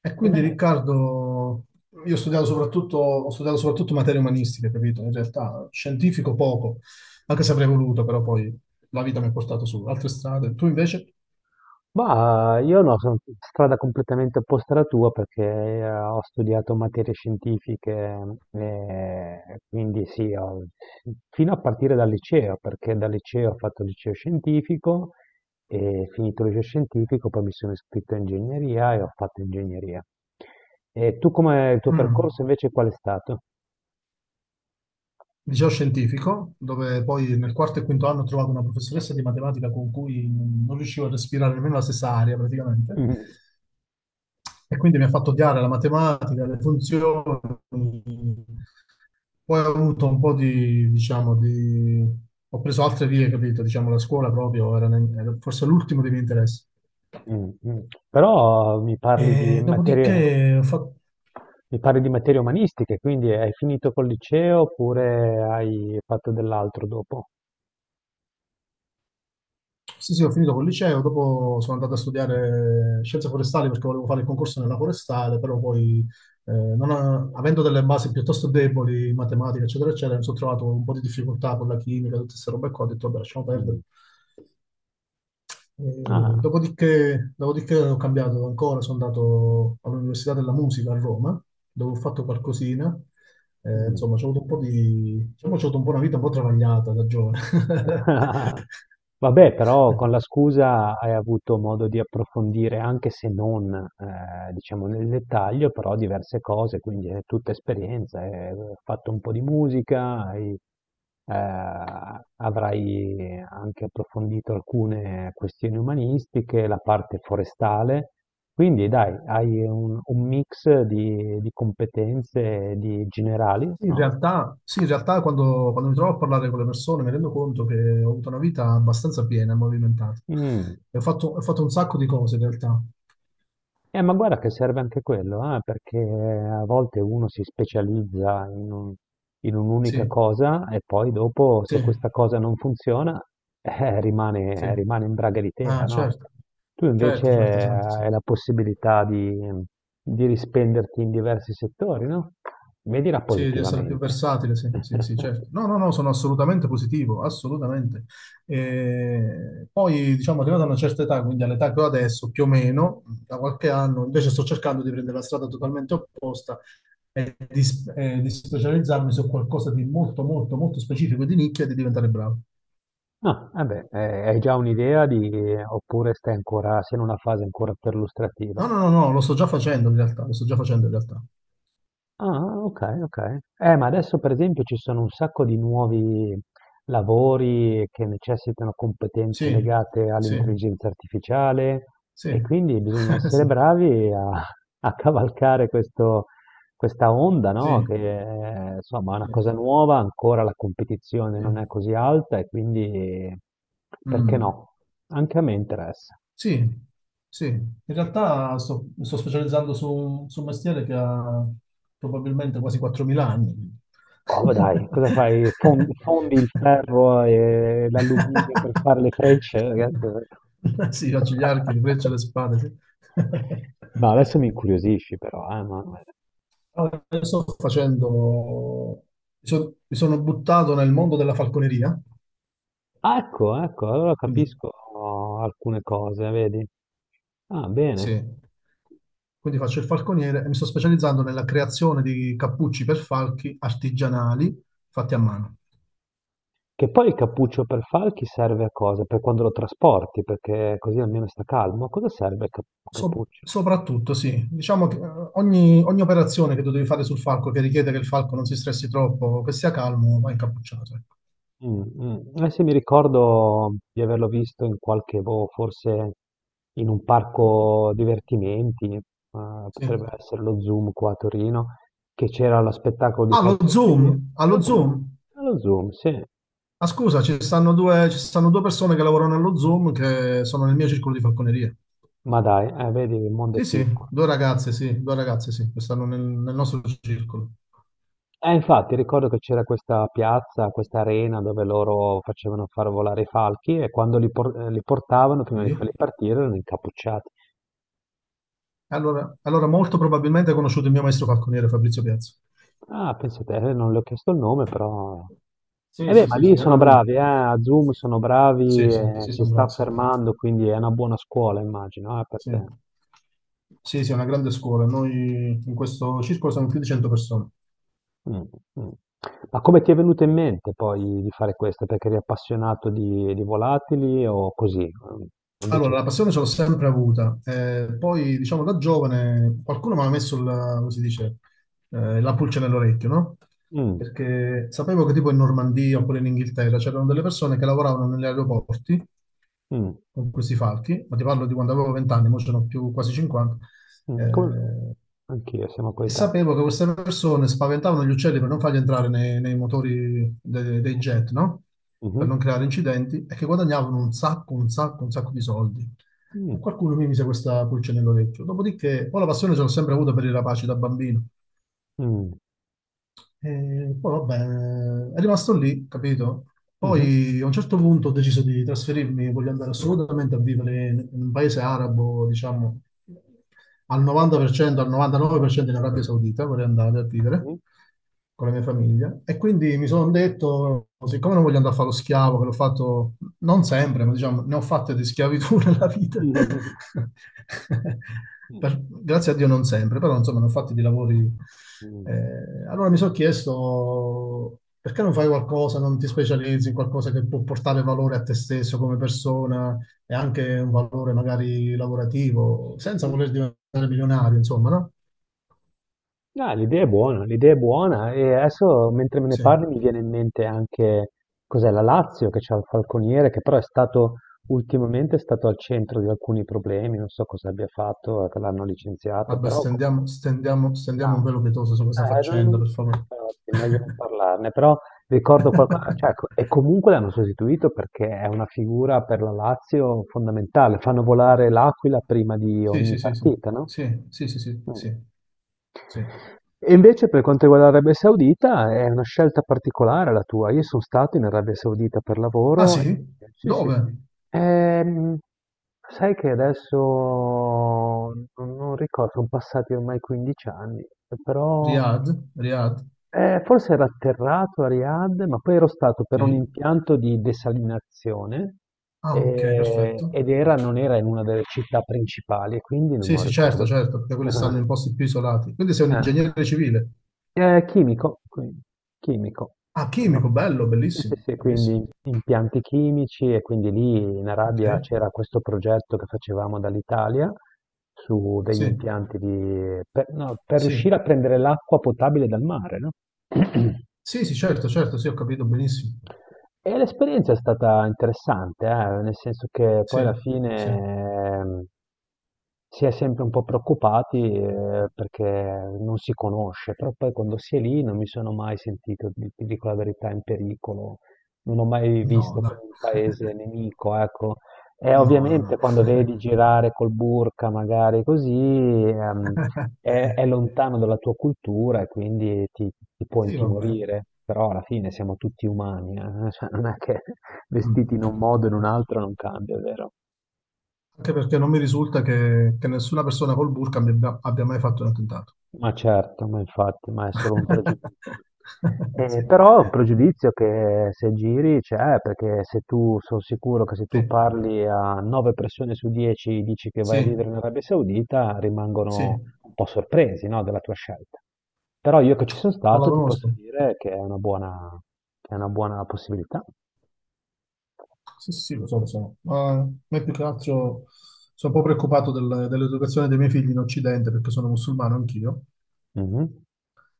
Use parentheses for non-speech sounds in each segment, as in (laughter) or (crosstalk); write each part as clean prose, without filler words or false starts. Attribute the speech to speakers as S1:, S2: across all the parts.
S1: E quindi
S2: Ebbene,
S1: Riccardo, io ho studiato soprattutto, materie umanistiche, capito? In realtà scientifico poco, anche se avrei voluto, però poi la vita mi ha portato su altre strade. Tu invece,
S2: bah, io no, sono strada completamente opposta alla tua perché ho studiato materie scientifiche e quindi sì, fino a partire dal liceo, perché dal liceo ho fatto il liceo scientifico e finito il liceo scientifico poi mi sono iscritto a ingegneria e ho fatto ingegneria. E tu come il tuo percorso
S1: mm,
S2: invece qual è stato?
S1: liceo scientifico, dove poi nel quarto e quinto anno ho trovato una professoressa di matematica con cui non riuscivo a respirare nemmeno la stessa aria
S2: (laughs)
S1: praticamente.
S2: Mm,
S1: E quindi mi ha fatto odiare la matematica, le funzioni. Poi ho avuto un po' di, diciamo, ho preso altre vie, capito? Diciamo, la scuola proprio era forse l'ultimo dei miei interessi.
S2: mm. Mm. Però mi parli di
S1: E
S2: materie,
S1: dopodiché ho fatto...
S2: Mi parli di materie umanistiche, quindi hai finito col liceo oppure hai fatto dell'altro dopo?
S1: Sì, sì, ho finito col liceo, dopo sono andato a studiare scienze forestali perché volevo fare il concorso nella forestale, però poi, non a- avendo delle basi piuttosto deboli in matematica, eccetera, eccetera, mi sono trovato un po' di difficoltà con la chimica, tutte queste robe qua, ho detto, vabbè, lasciamo perdere.
S2: Mm. Ah,
S1: Dopodiché ho cambiato ancora, sono andato all'Università della Musica a Roma, dove ho fatto qualcosina.
S2: mm.
S1: Insomma, ho avuto un po' di, diciamo, ho avuto un po' una vita un po' travagliata da giovane. (laughs)
S2: (laughs) Vabbè, però con la scusa hai avuto modo di approfondire, anche se non, diciamo nel dettaglio, però diverse cose, quindi è tutta esperienza. Hai fatto un po' di musica, avrai anche approfondito alcune questioni umanistiche, la parte forestale. Quindi dai, hai un mix di competenze di generali,
S1: Sì, in
S2: no?
S1: realtà, sì, in realtà quando mi trovo a parlare con le persone mi rendo conto che ho avuto una vita abbastanza piena e movimentata.
S2: Mm.
S1: E ho fatto un sacco di cose in realtà.
S2: Ma guarda che serve anche quello, perché a volte uno si specializza in un'unica
S1: Sì,
S2: cosa e poi dopo,
S1: sì,
S2: se questa cosa non funziona, (laughs)
S1: sì.
S2: rimane in braga di tela,
S1: Ah,
S2: no?
S1: certo,
S2: Tu invece
S1: certo, certo, esatto, sì.
S2: hai la possibilità di rispenderti in diversi settori, no? Vedila
S1: Sì, di essere più
S2: positivamente.
S1: versatile, sì, sì, sì,
S2: (laughs)
S1: certo. No, no, no, sono assolutamente positivo, assolutamente. E poi, diciamo, arrivato a una certa età, quindi all'età che ho adesso, più o meno, da qualche anno, invece sto cercando di prendere la strada totalmente opposta, e di specializzarmi su qualcosa di molto, molto, molto specifico e di nicchia e di diventare bravo.
S2: No, vabbè, hai già un'idea di, oppure stai ancora, sei in una fase ancora perlustrativa?
S1: No, no, no, no, lo sto già facendo in realtà,
S2: Ah, ok, ok. Ma adesso per esempio ci sono un sacco di nuovi lavori che necessitano competenze
S1: Sì,
S2: legate
S1: sì,
S2: all'intelligenza artificiale
S1: sì,
S2: e quindi bisogna
S1: (laughs)
S2: essere
S1: sì,
S2: bravi a cavalcare questa onda, no?
S1: sì,
S2: Che è, insomma è una
S1: sì.
S2: cosa nuova, ancora la competizione
S1: Sì.
S2: non è così alta e quindi perché
S1: Mm.
S2: no? Anche a me interessa.
S1: Sì, sì, in realtà mi sto specializzando su un mestiere che ha probabilmente quasi 4.000 anni.
S2: Oh, ma dai, cosa fai? Fondi il
S1: (laughs)
S2: ferro e l'alluminio per fare le frecce, ragazzo?
S1: Sì, faccio gli archi, le frecce, le spade. Sì.
S2: No, adesso mi incuriosisci però, Manuel.
S1: Io Sto facendo, mi sono buttato nel mondo della falconeria,
S2: Ah, ecco, ecco, allora
S1: quindi
S2: capisco alcune cose, vedi? Ah, bene.
S1: sì. Quindi faccio il falconiere e mi sto specializzando nella creazione di cappucci per falchi artigianali fatti a mano.
S2: Che poi il cappuccio per falchi serve a cosa? Per quando lo trasporti, perché così almeno sta calmo. A cosa serve il cappuccio?
S1: Soprattutto, sì, diciamo che ogni operazione che tu devi fare sul falco che richiede che il falco non si stressi troppo, che sia calmo, va incappucciato. Ecco.
S2: Mh, Eh sì, mi ricordo di averlo visto in qualche boh, forse in un parco divertimenti,
S1: Sì.
S2: potrebbe essere lo Zoom qua a Torino, che c'era lo spettacolo di
S1: Allo
S2: Falconerie.
S1: Zoom,
S2: Lo
S1: allo
S2: Zoom,
S1: Zoom.
S2: lo Zoom, sì.
S1: Ah, scusa, ci stanno due persone che lavorano allo Zoom che sono nel mio circolo di falconeria.
S2: Ma dai, vedi il mondo è
S1: Sì, sì,
S2: piccolo.
S1: due ragazze, sì, due ragazze, sì, che stanno nel nostro circolo.
S2: Infatti ricordo che c'era questa piazza, questa arena dove loro facevano far volare i falchi e quando li portavano prima di farli
S1: Sì.
S2: partire erano incappucciati.
S1: Allora molto probabilmente ha conosciuto il mio maestro falconiere Fabrizio Piazza.
S2: Ah, pensa te, non le ho chiesto il nome, però. Eh
S1: Sì,
S2: beh,
S1: sì,
S2: ma
S1: sì,
S2: lì
S1: sì, era
S2: sono
S1: lui.
S2: bravi, a Zoom sono
S1: Sì,
S2: bravi,
S1: sì, sì,
S2: si sta
S1: sembra, sì.
S2: affermando, quindi è una buona scuola, immagino, per
S1: Sì,
S2: te.
S1: sì, sì, è una grande scuola. Noi in questo circolo siamo più di 100 persone.
S2: Mm, mm. Ma come ti è venuto in mente poi di fare questo? Perché eri appassionato di volatili o così? Mm,
S1: Allora,
S2: invece,
S1: la passione ce l'ho sempre avuta. Poi, diciamo, da giovane qualcuno mi ha messo, la, come si dice, la pulce nell'orecchio, no?
S2: mm,
S1: Perché sapevo che tipo in Normandia oppure in Inghilterra c'erano delle persone che lavoravano negli aeroporti
S2: mm,
S1: con questi falchi, ma ti parlo di quando avevo 20 anni, ora sono più quasi 50,
S2: mm,
S1: eh,
S2: anch'io, siamo
S1: e
S2: coetanei.
S1: sapevo che queste persone spaventavano gli uccelli per non farli entrare nei motori dei jet, no? Per
S2: Mhm,
S1: non creare incidenti, e che guadagnavano un sacco, un sacco, un sacco di soldi. E
S2: mm,
S1: qualcuno mi mise questa pulce nell'orecchio. Dopodiché, poi la passione ce l'ho sempre avuta per i rapaci da bambino.
S2: mm,
S1: E poi, vabbè, è rimasto lì, capito?
S2: mhm,
S1: Poi a un certo punto ho deciso di trasferirmi, voglio andare assolutamente a vivere in un paese arabo, diciamo, al 90%, al 99% in Arabia Saudita, vorrei andare a vivere
S2: mhm,
S1: con la mia famiglia. E quindi mi sono detto, siccome non voglio andare a fare lo schiavo, che l'ho fatto non sempre, ma diciamo, ne ho fatte di schiavitù nella vita.
S2: mhm,
S1: (laughs)
S2: mhm,
S1: Grazie a Dio non sempre, però insomma ne ho fatti di lavori.
S2: mhm,
S1: Eh, allora mi sono chiesto, perché non fai qualcosa, non ti specializzi in qualcosa che può portare valore a te stesso come persona? E anche un valore magari lavorativo, senza
S2: mhm.
S1: voler diventare milionario, insomma, no?
S2: No, l'idea è buona e adesso mentre me ne
S1: Sì.
S2: parli mi viene in mente anche cos'è la Lazio che c'ha il falconiere che però è stato ultimamente è stato al centro di alcuni problemi, non so cosa abbia fatto, che l'hanno licenziato,
S1: Vabbè,
S2: però come si
S1: stendiamo
S2: chiama?
S1: un velo pietoso su questa faccenda, per favore.
S2: Infatti, è meglio non parlarne, però ricordo qualcosa,
S1: (laughs)
S2: cioè, e comunque l'hanno sostituito perché è una figura per la Lazio fondamentale. Fanno volare l'Aquila prima di
S1: Sì,
S2: ogni
S1: sì, sì, sì.
S2: partita, no?
S1: Sì, sì, sì, sì,
S2: Mm.
S1: sì, sì.
S2: E invece per quanto riguarda l'Arabia Saudita è una scelta particolare la tua. Io sono stato in Arabia Saudita per
S1: Ah,
S2: lavoro e
S1: sì?
S2: sì, sì,
S1: Dove?
S2: sì. Ehm, Sai che adesso non ricordo, sono passati ormai 15 anni, però
S1: Riyadh? Riyadh?
S2: forse era atterrato a Riyadh, ma poi ero stato per un
S1: Sì.
S2: impianto di desalinazione
S1: Ah, ok, perfetto.
S2: ed era, non era in una delle città principali, e quindi non me
S1: Sì,
S2: lo
S1: sì, certo,
S2: ricordo più.
S1: certo, perché quelli stanno in posti più isolati. Quindi sei un
S2: Ah.
S1: ingegnere civile.
S2: Chimico, quindi, chimico.
S1: Ah,
S2: Io-
S1: chimico, bello,
S2: Sì, sì,
S1: bellissimo,
S2: sì, quindi
S1: bellissimo.
S2: impianti chimici e quindi lì in
S1: Ok,
S2: Arabia c'era questo progetto che facevamo dall'Italia su degli
S1: sì,
S2: impianti di, per, no, per
S1: sì.
S2: riuscire a prendere l'acqua potabile dal mare, no? (clears throat)
S1: Sì, sì, certo, certo, sì, ho capito benissimo.
S2: E l'esperienza è stata interessante, nel senso che poi
S1: Sì,
S2: alla
S1: sì.
S2: fine ehm, si è sempre un po' preoccupati perché non si conosce, però poi quando si è lì non mi sono mai sentito, ti dico la verità, in pericolo, non ho mai
S1: No,
S2: visto come
S1: dai.
S2: un paese nemico, ecco. E
S1: No, no,
S2: ovviamente
S1: no.
S2: quando vedi girare col burka magari così,
S1: (laughs)
S2: è lontano dalla tua cultura e quindi ti può
S1: Sì, vabbè.
S2: intimorire, però alla fine siamo tutti umani, cioè, non è che (laughs) vestiti
S1: Mm.
S2: in
S1: Sì,
S2: un modo o in un
S1: certo.
S2: altro non cambia, vero?
S1: Anche perché non mi risulta che nessuna persona col burka abbia mai fatto un attentato.
S2: Ma certo, ma infatti, ma è solo un pregiudizio.
S1: (laughs) Sì,
S2: Però è un pregiudizio che se giri c'è, perché se tu, sono sicuro che se
S1: sì,
S2: tu parli a 9 persone su 10 dici che vai a
S1: sì,
S2: vivere in Arabia Saudita, rimangono
S1: sì.
S2: un po' sorpresi, no, della tua scelta. Però io che ci sono
S1: Perché non la
S2: stato ti posso
S1: conosco.
S2: dire che è una buona, che è una buona possibilità.
S1: Sì, sì, sì, lo so, lo so. Ma a me più che altro sono un po' preoccupato dell'educazione dei miei figli in Occidente perché sono musulmano anch'io.
S2: Mhm.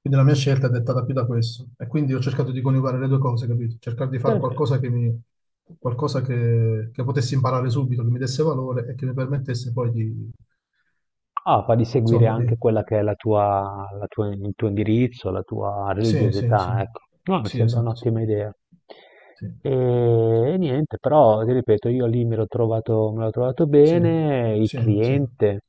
S1: Quindi la mia scelta è dettata più da questo. E quindi ho cercato di coniugare le due cose, capito? Cercare di
S2: Sì,
S1: fare
S2: sì.
S1: qualcosa qualcosa che potessi imparare subito, che mi desse valore e che mi permettesse poi di,
S2: Ah, fa di seguire
S1: insomma, di...
S2: anche quella che è il tuo indirizzo, la tua
S1: Sì, sì, sì.
S2: religiosità, ecco. No, mi
S1: Sì,
S2: sembra
S1: esatto, sì.
S2: un'ottima idea.
S1: Sì,
S2: E, e niente, però ti ripeto, io lì me l'ho trovato
S1: sì,
S2: bene, il
S1: sì, sì,
S2: cliente.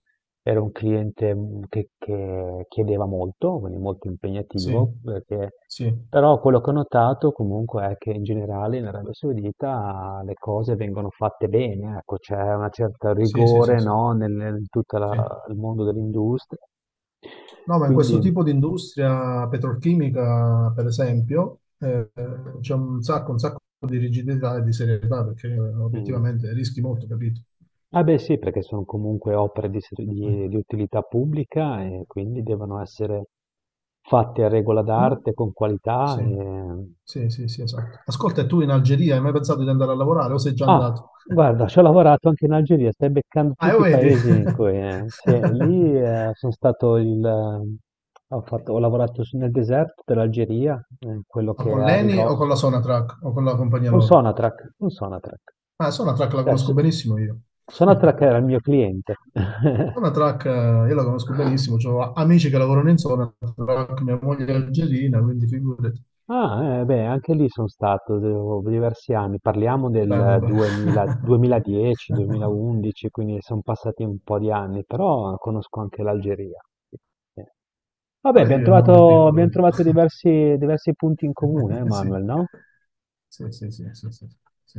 S2: Era un cliente, che chiedeva molto, quindi molto
S1: sì,
S2: impegnativo, perché
S1: sì,
S2: però quello che ho notato comunque è che in generale in Arabia Saudita le cose vengono fatte bene, ecco, c'è una certa
S1: sì, sì, sì,
S2: rigore,
S1: sì.
S2: no, nel tutta
S1: Sì.
S2: la il mondo dell'industria.
S1: No, ma in
S2: Quindi
S1: questo tipo di industria petrolchimica, per esempio, c'è un sacco di rigidità e di serietà perché
S2: mh.
S1: obiettivamente rischi molto, capito?
S2: Ah beh sì, perché son comunque opere di ser di utilità pubblica e quindi devono essere fatte a regola
S1: Comu-
S2: d'arte, con qualità,
S1: Sì,
S2: ehm
S1: sì, sì, sì, esatto. Ascolta, e tu in Algeria hai mai pensato di andare a lavorare o sei già
S2: Ah,
S1: andato?
S2: guarda,
S1: (laughs)
S2: ci ho lavorato anche in Algeria, stai beccando
S1: Ah,
S2: tutti
S1: lo
S2: i
S1: vedi?
S2: paesi in cui. Sì, lì
S1: (laughs)
S2: sono stato il. Ho fatto- ho lavorato su- Nel deserto dell'Algeria, quello
S1: Ma
S2: che è
S1: con
S2: a Dove?
S1: l'ENI o con la
S2: Ridosso.
S1: Sonatrack o con la compagnia
S2: Un
S1: loro?
S2: Sonatrack, un Sonatrack.
S1: Ah, Sonatrack la
S2: Cioè,
S1: conosco benissimo io.
S2: Sonatrack era il
S1: (laughs)
S2: mio cliente. (laughs)
S1: Zona Track, io la conosco benissimo, ho amici che lavorano in zona Track, mia moglie è algerina, quindi figurati.
S2: Ah, beh, anche lì sono stato diversi anni, parliamo
S1: Bello,
S2: del
S1: bello.
S2: 2000 2010,
S1: (laughs)
S2: 2011, quindi sono passati un po' di anni, però conosco anche l'Algeria. Sì, sì.
S1: Ma
S2: Vabbè,
S1: vedi
S2: abbiamo
S1: che il mondo è
S2: trovato,
S1: piccolo.
S2: abbiamo
S1: Vedi?
S2: trovato diversi punti in comune,
S1: (laughs)
S2: Manuel, no?
S1: Sì, sì, sì, sì, sì, sì, sì.